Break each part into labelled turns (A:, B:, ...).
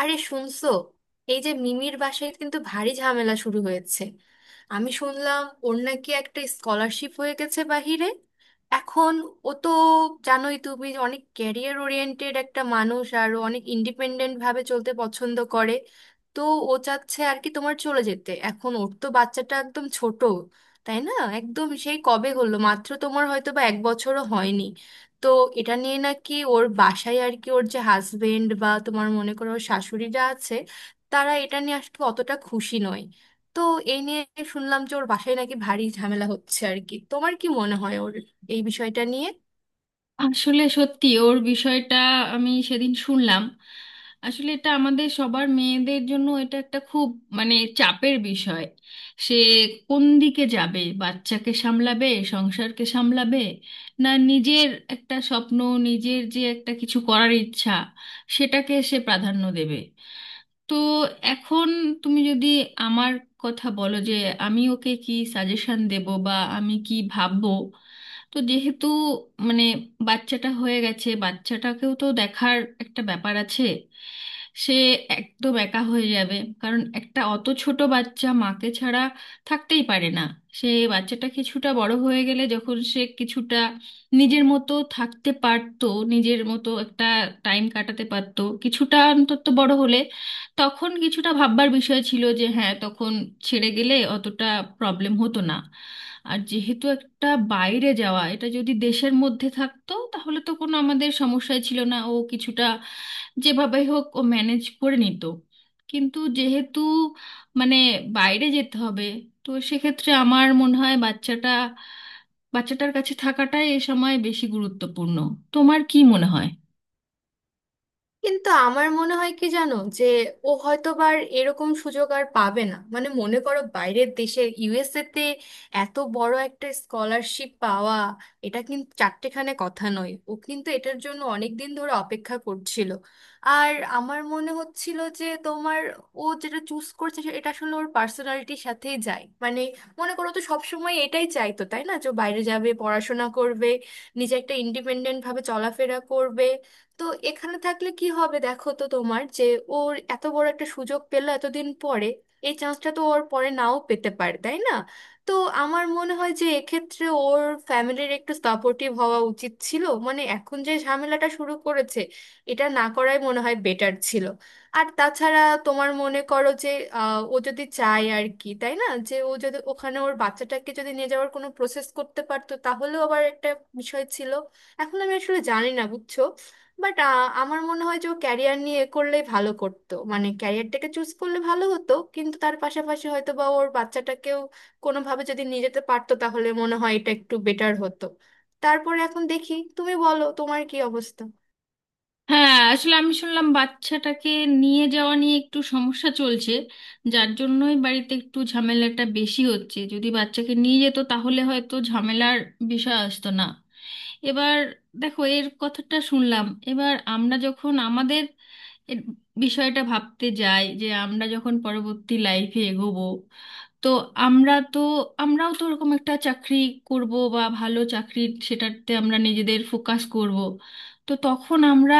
A: আরে শুনছো? এই যে মিমির বাসায় কিন্তু ভারী ঝামেলা শুরু হয়েছে। আমি শুনলাম ওর নাকি একটা স্কলারশিপ হয়ে গেছে বাহিরে। এখন ও তো জানোই তুমি যে অনেক ক্যারিয়ার ওরিয়েন্টেড একটা মানুষ, আর ও অনেক ইন্ডিপেন্ডেন্ট ভাবে চলতে পছন্দ করে। তো ও চাচ্ছে আর কি তোমার চলে যেতে, এখন ওর তো বাচ্চাটা একদম ছোট, তাই না? একদম সেই কবে হলো মাত্র, তোমার হয়তো বা এক বছরও হয়নি। তো এটা নিয়ে নাকি ওর বাসায় আর কি, ওর যে হাজবেন্ড বা তোমার মনে করো ওর শাশুড়িরা আছে, তারা এটা নিয়ে আসলে অতটা খুশি নয়। তো এই নিয়ে শুনলাম যে ওর বাসায় নাকি ভারী ঝামেলা হচ্ছে আর কি। তোমার কি মনে হয় ওর এই বিষয়টা নিয়ে?
B: আসলে সত্যি ওর বিষয়টা আমি সেদিন শুনলাম। আসলে এটা আমাদের সবার মেয়েদের জন্য এটা একটা খুব চাপের বিষয়। সে কোন দিকে যাবে, বাচ্চাকে সামলাবে, সংসারকে সামলাবে, না নিজের একটা স্বপ্ন, নিজের যে একটা কিছু করার ইচ্ছা সেটাকে সে প্রাধান্য দেবে। তো এখন তুমি যদি আমার কথা বলো যে আমি ওকে কি সাজেশন দেব বা আমি কি ভাববো, তো যেহেতু মানে বাচ্চাটা হয়ে গেছে, বাচ্চাটাকেও তো দেখার একটা ব্যাপার আছে। সে একদম একা হয়ে যাবে, কারণ একটা অত ছোট বাচ্চা মাকে ছাড়া থাকতেই পারে না। সে বাচ্চাটা কিছুটা বড় হয়ে গেলে, যখন সে কিছুটা নিজের মতো থাকতে পারতো, নিজের মতো একটা টাইম কাটাতে পারতো, কিছুটা অন্তত বড় হলে তখন কিছুটা ভাববার বিষয় ছিল যে হ্যাঁ, তখন ছেড়ে গেলে অতটা প্রবলেম হতো না। আর যেহেতু টা বাইরে যাওয়া, এটা যদি দেশের মধ্যে থাকতো তাহলে তো কোনো আমাদের সমস্যাই ছিল না, ও কিছুটা যেভাবে হোক ও ম্যানেজ করে নিত। কিন্তু যেহেতু মানে বাইরে যেতে হবে, তো সেক্ষেত্রে আমার মনে হয় বাচ্চাটার কাছে থাকাটাই এ সময় বেশি গুরুত্বপূর্ণ। তোমার কি মনে হয়?
A: কিন্তু আমার মনে হয় কি জানো যে ও হয়তোবার এরকম সুযোগ আর পাবে না, মানে মনে করো বাইরের দেশে USA তে এত বড় একটা স্কলারশিপ পাওয়া এটা কিন্তু চারটেখানে কথা নয়। ও কিন্তু এটার জন্য অনেক দিন ধরে অপেক্ষা করছিল। আর আমার মনে হচ্ছিল যে তোমার ও যেটা চুজ করছে এটা আসলে ওর পার্সোনালিটির সাথেই যায়, মানে মনে করো তো সবসময় এটাই চাইতো তাই না, যে ও বাইরে যাবে পড়াশোনা করবে, নিজে একটা ইন্ডিপেন্ডেন্ট ভাবে চলাফেরা করবে। তো এখানে থাকলে কি হবে, দেখো তো তোমার যে ওর এত বড় একটা সুযোগ পেলো এতদিন পরে, এই চান্সটা তো ওর পরে নাও পেতে পারে, তাই না? তো আমার মনে হয় যে এক্ষেত্রে ওর ফ্যামিলির একটু সাপোর্টিভ হওয়া উচিত ছিল, মানে এখন যে ঝামেলাটা শুরু করেছে এটা না করাই মনে হয় বেটার ছিল। আর তাছাড়া তোমার মনে করো যে ও যদি চায় আর কি, তাই না, যে ও যদি ওখানে ওর বাচ্চাটাকে যদি নিয়ে যাওয়ার কোনো প্রসেস করতে পারতো তাহলেও আবার একটা বিষয় ছিল। এখন আমি আসলে জানি না, বুঝছো, বাট আমার মনে হয় যে ও ক্যারিয়ার নিয়ে এ করলেই ভালো করতো, মানে ক্যারিয়ারটাকে চুজ করলে ভালো হতো, কিন্তু তার পাশাপাশি হয়তো বা ওর বাচ্চাটাকেও কোনোভাবে যদি নিয়ে যেতে পারতো তাহলে মনে হয় এটা একটু বেটার হতো। তারপরে এখন দেখি, তুমি বলো তোমার কি অবস্থা।
B: হ্যাঁ, আসলে আমি শুনলাম বাচ্চাটাকে নিয়ে যাওয়া নিয়ে একটু সমস্যা চলছে, যার জন্যই বাড়িতে একটু ঝামেলাটা বেশি হচ্ছে। যদি বাচ্চাকে নিয়ে যেত তাহলে হয়তো ঝামেলার বিষয় আসতো না। এবার দেখো এর কথাটা শুনলাম, এবার আমরা যখন আমাদের এর বিষয়টা ভাবতে যাই যে আমরা যখন পরবর্তী লাইফে এগোবো, তো আমরা তো আমরাও তো ওরকম একটা চাকরি করব বা ভালো চাকরি, সেটাতে আমরা নিজেদের ফোকাস করব। তো তখন আমরা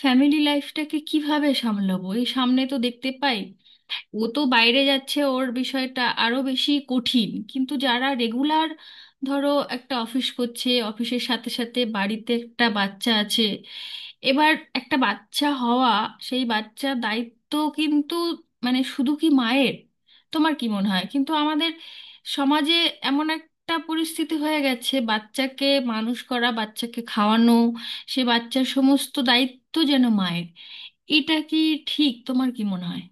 B: ফ্যামিলি লাইফটাকে কিভাবে সামলাবো, এই সামনে তো দেখতে পাই ও তো বাইরে যাচ্ছে, ওর বিষয়টা আরো বেশি কঠিন। কিন্তু যারা রেগুলার ধরো একটা অফিস করছে, অফিসের সাথে সাথে বাড়িতে একটা বাচ্চা আছে, এবার একটা বাচ্চা হওয়া, সেই বাচ্চার দায়িত্ব কিন্তু শুধু কি মায়ের? তোমার কি মনে হয় কিন্তু আমাদের সমাজে এমন একটা পরিস্থিতি হয়ে গেছে, বাচ্চাকে মানুষ করা, বাচ্চাকে খাওয়ানো, সে বাচ্চার সমস্ত দায়িত্ব যেন মায়ের। এটা কি ঠিক? তোমার কি মনে হয়?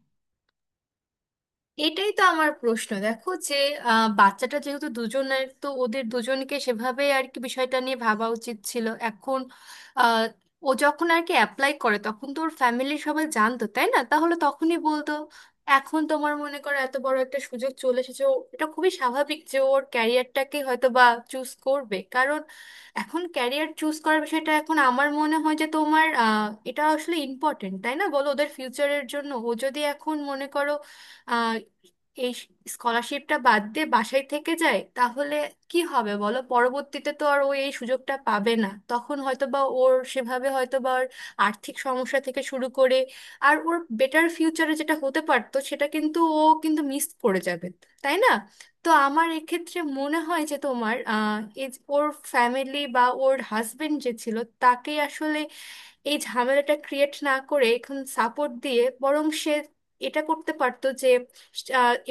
A: এটাই তো আমার প্রশ্ন, দেখো যে বাচ্চাটা যেহেতু দুজনের তো ওদের দুজনকে সেভাবে আর কি বিষয়টা নিয়ে ভাবা উচিত ছিল এখন। আহ, ও যখন আর কি অ্যাপ্লাই করে তখন তো ওর ফ্যামিলির সবাই জানতো তাই না, তাহলে তখনই বলতো। এখন তোমার মনে করো এত বড় একটা সুযোগ চলে এসেছে, এটা খুবই স্বাভাবিক যে ওর ক্যারিয়ারটাকে হয়তো বা চুজ করবে, কারণ এখন ক্যারিয়ার চুজ করার বিষয়টা এখন আমার মনে হয় যে তোমার এটা আসলে ইম্পর্টেন্ট, তাই না বলো, ওদের ফিউচারের জন্য। ও যদি এখন মনে করো আহ, এই স্কলারশিপটা বাদ দিয়ে বাসায় থেকে যায় তাহলে কি হবে বলো, পরবর্তীতে তো আর ও এই সুযোগটা পাবে না, তখন হয়তো বা ওর সেভাবে হয়তো বা ওর আর্থিক সমস্যা থেকে শুরু করে আর ওর বেটার ফিউচারে যেটা হতে পারতো সেটা কিন্তু ও কিন্তু মিস করে যাবে, তাই না? তো আমার এক্ষেত্রে মনে হয় যে তোমার এই যে ওর ফ্যামিলি বা ওর হাজবেন্ড যে ছিল, তাকে আসলে এই ঝামেলাটা ক্রিয়েট না করে এখন সাপোর্ট দিয়ে বরং সে এটা করতে পারতো যে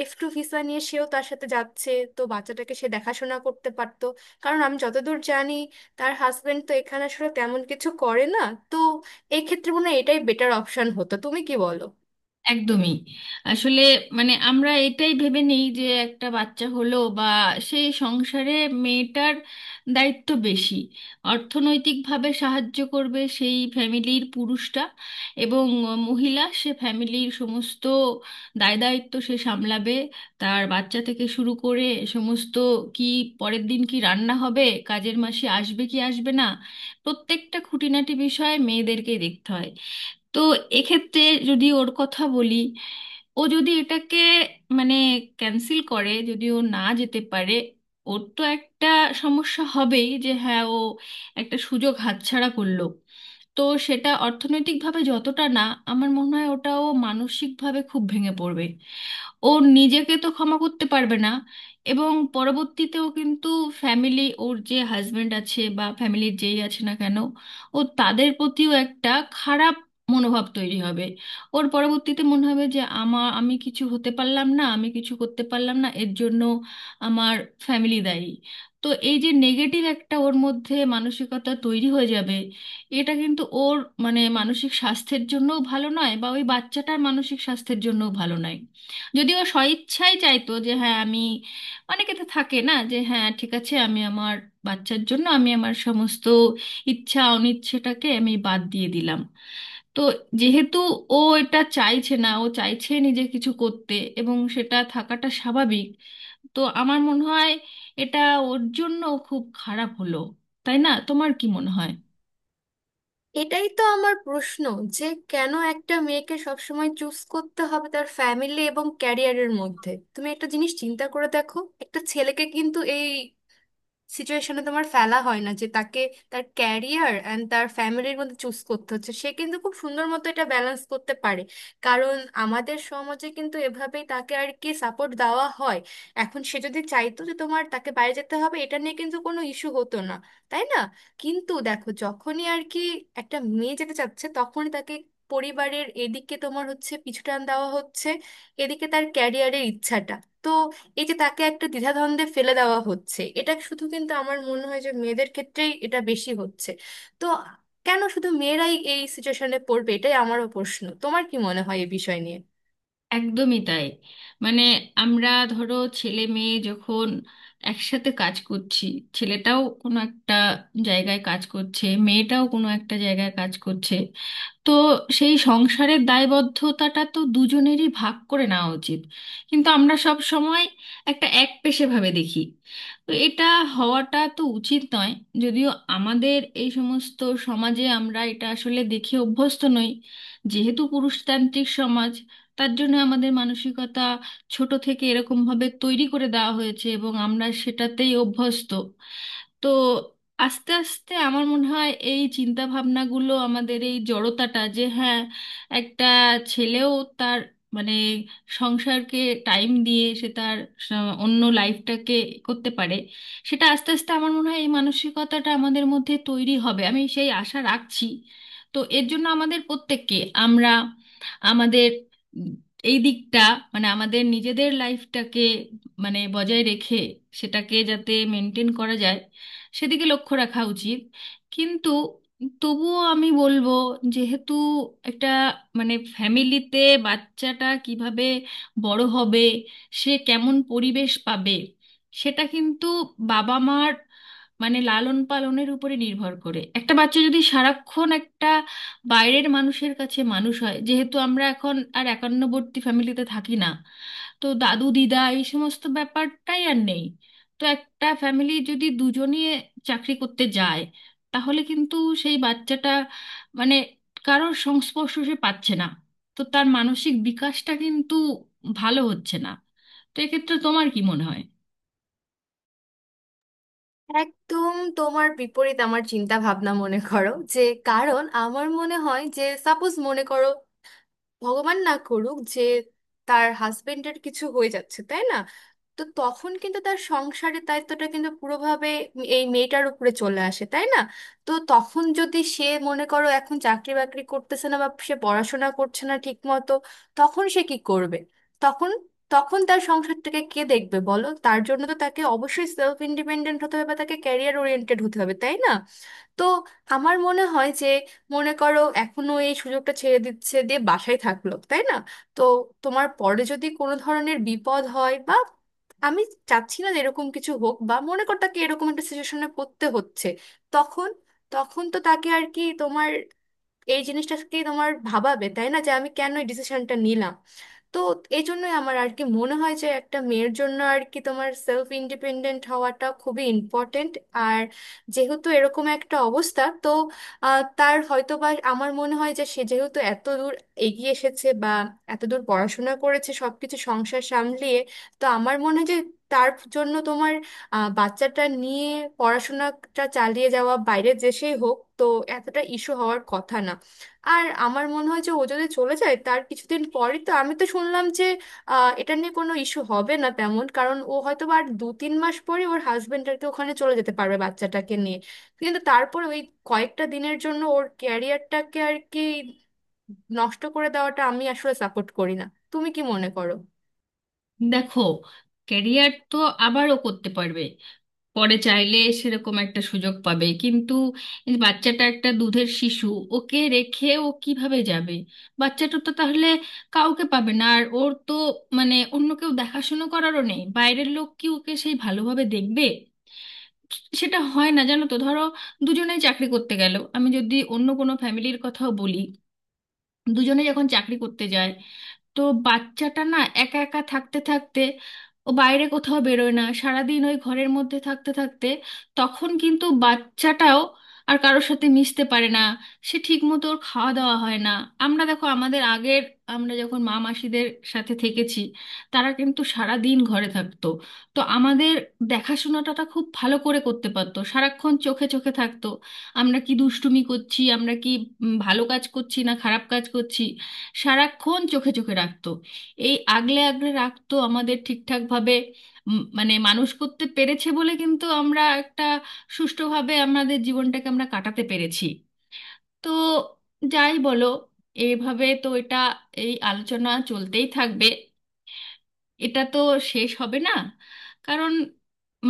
A: F2 ভিসা নিয়ে সেও তার সাথে যাচ্ছে, তো বাচ্চাটাকে সে দেখাশোনা করতে পারতো। কারণ আমি যতদূর জানি তার হাজবেন্ড তো এখানে আসলে তেমন কিছু করে না। তো এই ক্ষেত্রে মনে হয় এটাই বেটার অপশন হতো, তুমি কি বলো?
B: একদমই। আসলে আমরা এটাই ভেবে নেই যে একটা বাচ্চা হলো বা সেই সংসারে মেয়েটার দায়িত্ব বেশি, অর্থনৈতিকভাবে সাহায্য করবে সেই ফ্যামিলির পুরুষটা, এবং মহিলা সে ফ্যামিলির সমস্ত দায় দায়িত্ব সে সামলাবে, তার বাচ্চা থেকে শুরু করে সমস্ত কি পরের দিন কি রান্না হবে, কাজের মাসে আসবে কি আসবে না, প্রত্যেকটা খুঁটিনাটি বিষয়ে মেয়েদেরকেই দেখতে হয়। তো এক্ষেত্রে যদি ওর কথা বলি, ও যদি এটাকে মানে ক্যান্সেল করে, যদি ও না যেতে পারে, ওর তো একটা সমস্যা হবেই যে হ্যাঁ, ও একটা সুযোগ হাতছাড়া করলো। তো সেটা অর্থনৈতিকভাবে যতটা না, আমার মনে হয় ওটাও মানসিকভাবে খুব ভেঙে পড়বে। ও নিজেকে তো ক্ষমা করতে পারবে না, এবং পরবর্তীতেও কিন্তু ফ্যামিলি, ওর যে হাজবেন্ড আছে বা ফ্যামিলির যেই আছে না কেন, ও তাদের প্রতিও একটা খারাপ মনোভাব তৈরি হবে। ওর পরবর্তীতে মনে হবে যে আমি কিছু হতে পারলাম না, আমি কিছু করতে পারলাম না, এর জন্য আমার ফ্যামিলি দায়ী। তো এই যে নেগেটিভ একটা ওর মধ্যে মানসিকতা তৈরি হয়ে যাবে, এটা কিন্তু ওর মানসিক স্বাস্থ্যের জন্যও ভালো নয় বা ওই বাচ্চাটার মানসিক স্বাস্থ্যের জন্যও ভালো নয়। যদিও স্বইচ্ছাই চাইতো যে হ্যাঁ আমি, অনেকে তো থাকে না যে হ্যাঁ ঠিক আছে, আমি আমার বাচ্চার জন্য আমি আমার সমস্ত ইচ্ছা অনিচ্ছেটাকে আমি বাদ দিয়ে দিলাম। তো যেহেতু ও এটা চাইছে না, ও চাইছে নিজে কিছু করতে, এবং সেটা থাকাটা স্বাভাবিক। তো আমার মনে হয় এটা ওর জন্য খুব খারাপ হলো। তাই না? তোমার কি মনে হয়?
A: এটাই তো আমার প্রশ্ন, যে কেন একটা মেয়েকে সবসময় চুজ করতে হবে তার ফ্যামিলি এবং ক্যারিয়ারের মধ্যে। তুমি একটা জিনিস চিন্তা করে দেখো, একটা ছেলেকে কিন্তু এই সিচুয়েশনে তোমার ফেলা হয় না যে তাকে তার ক্যারিয়ার অ্যান্ড তার ফ্যামিলির মধ্যে চুজ করতে হচ্ছে, সে কিন্তু খুব সুন্দর মতো এটা ব্যালেন্স করতে পারে, কারণ আমাদের সমাজে কিন্তু এভাবেই তাকে আর কি সাপোর্ট দেওয়া হয়। এখন সে যদি চাইতো যে তোমার তাকে বাইরে যেতে হবে এটা নিয়ে কিন্তু কোনো ইস্যু হতো না, তাই না? কিন্তু দেখো যখনই আর কি একটা মেয়ে যেতে চাচ্ছে তখনই তাকে পরিবারের এদিকে তোমার হচ্ছে পিছুটান দেওয়া হচ্ছে, এদিকে তার ক্যারিয়ারের ইচ্ছাটা। তো এই যে তাকে একটা দ্বিধাদ্বন্দ্বে ফেলে দেওয়া হচ্ছে, এটা শুধু কিন্তু আমার মনে হয় যে মেয়েদের ক্ষেত্রেই এটা বেশি হচ্ছে। তো কেন শুধু মেয়েরাই এই সিচুয়েশনে পড়বে, এটাই আমারও প্রশ্ন। তোমার কি মনে হয় এই বিষয় নিয়ে?
B: একদমই তাই। মানে আমরা ধরো ছেলে মেয়ে যখন একসাথে কাজ করছি, ছেলেটাও কোনো একটা জায়গায় কাজ করছে, মেয়েটাও কোনো একটা জায়গায় কাজ করছে, তো সেই সংসারের দায়বদ্ধতাটা তো দুজনেরই ভাগ করে নেওয়া উচিত। কিন্তু আমরা সব সময় একটা একপেশে ভাবে দেখি। তো এটা হওয়াটা তো উচিত নয়। যদিও আমাদের এই সমস্ত সমাজে আমরা এটা আসলে দেখে অভ্যস্ত নই, যেহেতু পুরুষতান্ত্রিক সমাজ, তার জন্য আমাদের মানসিকতা ছোট থেকে এরকমভাবে তৈরি করে দেওয়া হয়েছে এবং আমরা সেটাতেই অভ্যস্ত। তো আস্তে আস্তে আমার মনে হয় এই চিন্তা ভাবনাগুলো, আমাদের এই জড়তাটা যে হ্যাঁ, একটা ছেলেও তার মানে সংসারকে টাইম দিয়ে সে তার স- অন্য লাইফটাকে করতে পারে, সেটা আস্তে আস্তে আমার মনে হয় এই মানসিকতাটা আমাদের মধ্যে তৈরি হবে, আমি সেই আশা রাখছি। তো এর জন্য আমাদের প্রত্যেককে, আমরা আমাদের উম, এই দিকটা আমাদের নিজেদের লাইফটাকে বজায় রেখে সেটাকে যাতে মেনটেন করা যায় সেদিকে লক্ষ্য রাখা উচিত। কিন্তু তবুও আমি বলবো, যেহেতু একটা ফ্যামিলিতে বাচ্চাটা কিভাবে বড় হবে, সে কেমন পরিবেশ পাবে, সেটা কিন্তু বাবা মার লালন পালনের উপরে নির্ভর করে। একটা বাচ্চা যদি সারাক্ষণ একটা বাইরের মানুষের কাছে মানুষ হয়, যেহেতু আমরা এখন আর একান্নবর্তী ফ্যামিলিতে থাকি না, তো দাদু দিদা এই সমস্ত ব্যাপারটাই আর নেই, তো একটা ফ্যামিলি যদি দুজনই চাকরি করতে যায়, তাহলে কিন্তু সেই বাচ্চাটা মানে কারোর সংস্পর্শ সে পাচ্ছে না, তো তার মানসিক বিকাশটা কিন্তু ভালো হচ্ছে না। তো এক্ষেত্রে তোমার কি মনে হয়?
A: একদম তোমার বিপরীত আমার চিন্তা ভাবনা, মনে করো যে, কারণ আমার মনে হয় যে সাপোজ মনে করো ভগবান না করুক যে তার হাজবেন্ডের কিছু হয়ে যাচ্ছে, তাই না? তো তখন কিন্তু তার সংসারের দায়িত্বটা কিন্তু পুরোভাবে এই মেয়েটার উপরে চলে আসে, তাই না? তো তখন যদি সে মনে করো এখন চাকরি বাকরি করতেছে না বা সে পড়াশোনা করছে না ঠিক মতো, তখন সে কি করবে? তখন তখন তার সংসারটাকে কে দেখবে বলো? তার জন্য তো তাকে অবশ্যই সেলফ ইন্ডিপেন্ডেন্ট হতে হবে বা তাকে ক্যারিয়ার ওরিয়েন্টেড হতে হবে, তাই না? তো আমার মনে হয় যে মনে করো এখনো এই সুযোগটা ছেড়ে দিচ্ছে দিয়ে বাসায় থাকলো, তাই না? তো তোমার পরে যদি কোনো ধরনের বিপদ হয় বা, আমি চাচ্ছি না যে এরকম কিছু হোক বা মনে কর তাকে এরকম একটা সিচুয়েশনে পড়তে হচ্ছে, তখন তখন তো তাকে আর কি তোমার এই জিনিসটাকে তোমার ভাবাবে, তাই না, যে আমি কেন এই ডিসিশনটা নিলাম। তো এই জন্যই আমার আর কি মনে হয় যে একটা মেয়ের জন্য আর কি তোমার সেলফ ইন্ডিপেন্ডেন্ট হওয়াটা খুবই ইম্পর্টেন্ট। আর যেহেতু এরকম একটা অবস্থা, তো তার হয়তো বা আমার মনে হয় যে সে যেহেতু এত দূর এগিয়ে এসেছে বা এত দূর পড়াশোনা করেছে সবকিছু সংসার সামলিয়ে, তো আমার মনে হয় যে তার জন্য তোমার বাচ্চাটা নিয়ে পড়াশোনাটা চালিয়ে যাওয়া বাইরে দেশেই হোক, তো এতটা ইস্যু হওয়ার কথা না। আর আমার মনে হয় যে ও যদি চলে যায় তার কিছুদিন পরই তো, আমি তো শুনলাম যে এটা নিয়ে কোনো ইস্যু হবে না তেমন, কারণ ও হয়তো বা আর 2-3 মাস পরে ওর হাজবেন্ড আর কি ওখানে চলে যেতে পারবে বাচ্চাটাকে নিয়ে। কিন্তু তারপর ওই কয়েকটা দিনের জন্য ওর ক্যারিয়ারটাকে আর কি নষ্ট করে দেওয়াটা আমি আসলে সাপোর্ট করি না। তুমি কি মনে করো?
B: দেখো, ক্যারিয়ার তো আবারও করতে পারবে, পরে চাইলে সেরকম একটা সুযোগ পাবে, কিন্তু এই বাচ্চাটা একটা দুধের শিশু, ওকে রেখে ও কিভাবে যাবে? বাচ্চাটা তো তাহলে কাউকে পাবে না, আর ওর তো অন্য কেউ দেখাশুনো করারও নেই, বাইরের লোক কি ওকে সেই ভালোভাবে দেখবে? সেটা হয় না, জানো তো। ধরো দুজনেই চাকরি করতে গেল, আমি যদি অন্য কোনো ফ্যামিলির কথাও বলি, দুজনে যখন চাকরি করতে যায়, তো বাচ্চাটা না একা একা থাকতে থাকতে, ও বাইরে কোথাও বেরোয় না, সারাদিন ওই ঘরের মধ্যে থাকতে থাকতে, তখন কিন্তু বাচ্চাটাও আর কারোর সাথে মিশতে পারে না, সে ঠিক মতো ওর খাওয়া দাওয়া হয় না। আমরা দেখো আমাদের আগের, আমরা যখন মা মাসিদের সাথে থেকেছি, তারা কিন্তু সারা দিন ঘরে থাকতো, তো আমাদের দেখাশোনাটা খুব ভালো করে করতে পারতো, সারাক্ষণ চোখে চোখে থাকতো। আমরা কি দুষ্টুমি করছি, আমরা কি ভালো কাজ করছি না খারাপ কাজ করছি, সারাক্ষণ চোখে চোখে রাখতো, এই আগলে আগলে রাখতো আমাদের ঠিকঠাকভাবে উম, মানে মানুষ করতে পেরেছে বলে কিন্তু আমরা একটা সুষ্ঠুভাবে আমাদের জীবনটাকে আমরা কাটাতে পেরেছি। তো যাই বলো, এইভাবে তো এটা এই আলোচনা চলতেই থাকবে, এটা তো শেষ হবে না, কারণ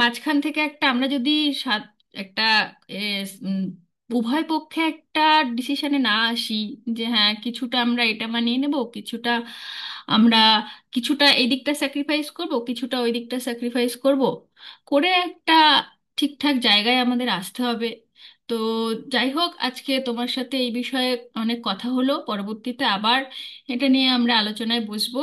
B: মাঝখান থেকে একটা আমরা যদি সাত একটা এ, উম, উভয় পক্ষে একটা ডিসিশনে না আসি যে হ্যাঁ কিছুটা আমরা এটা মানিয়ে নেব, কিছুটা আমরা কিছুটা এই দিকটা স্যাক্রিফাইস করব, কিছুটা ওই দিকটা স্যাক্রিফাইস করব, করে একটা ঠিকঠাক জায়গায় আমাদের আসতে হবে। তো যাই হোক, আজকে তোমার সাথে এই বিষয়ে অনেক কথা হলো, পরবর্তীতে আবার এটা নিয়ে আমরা আলোচনায় বসবো।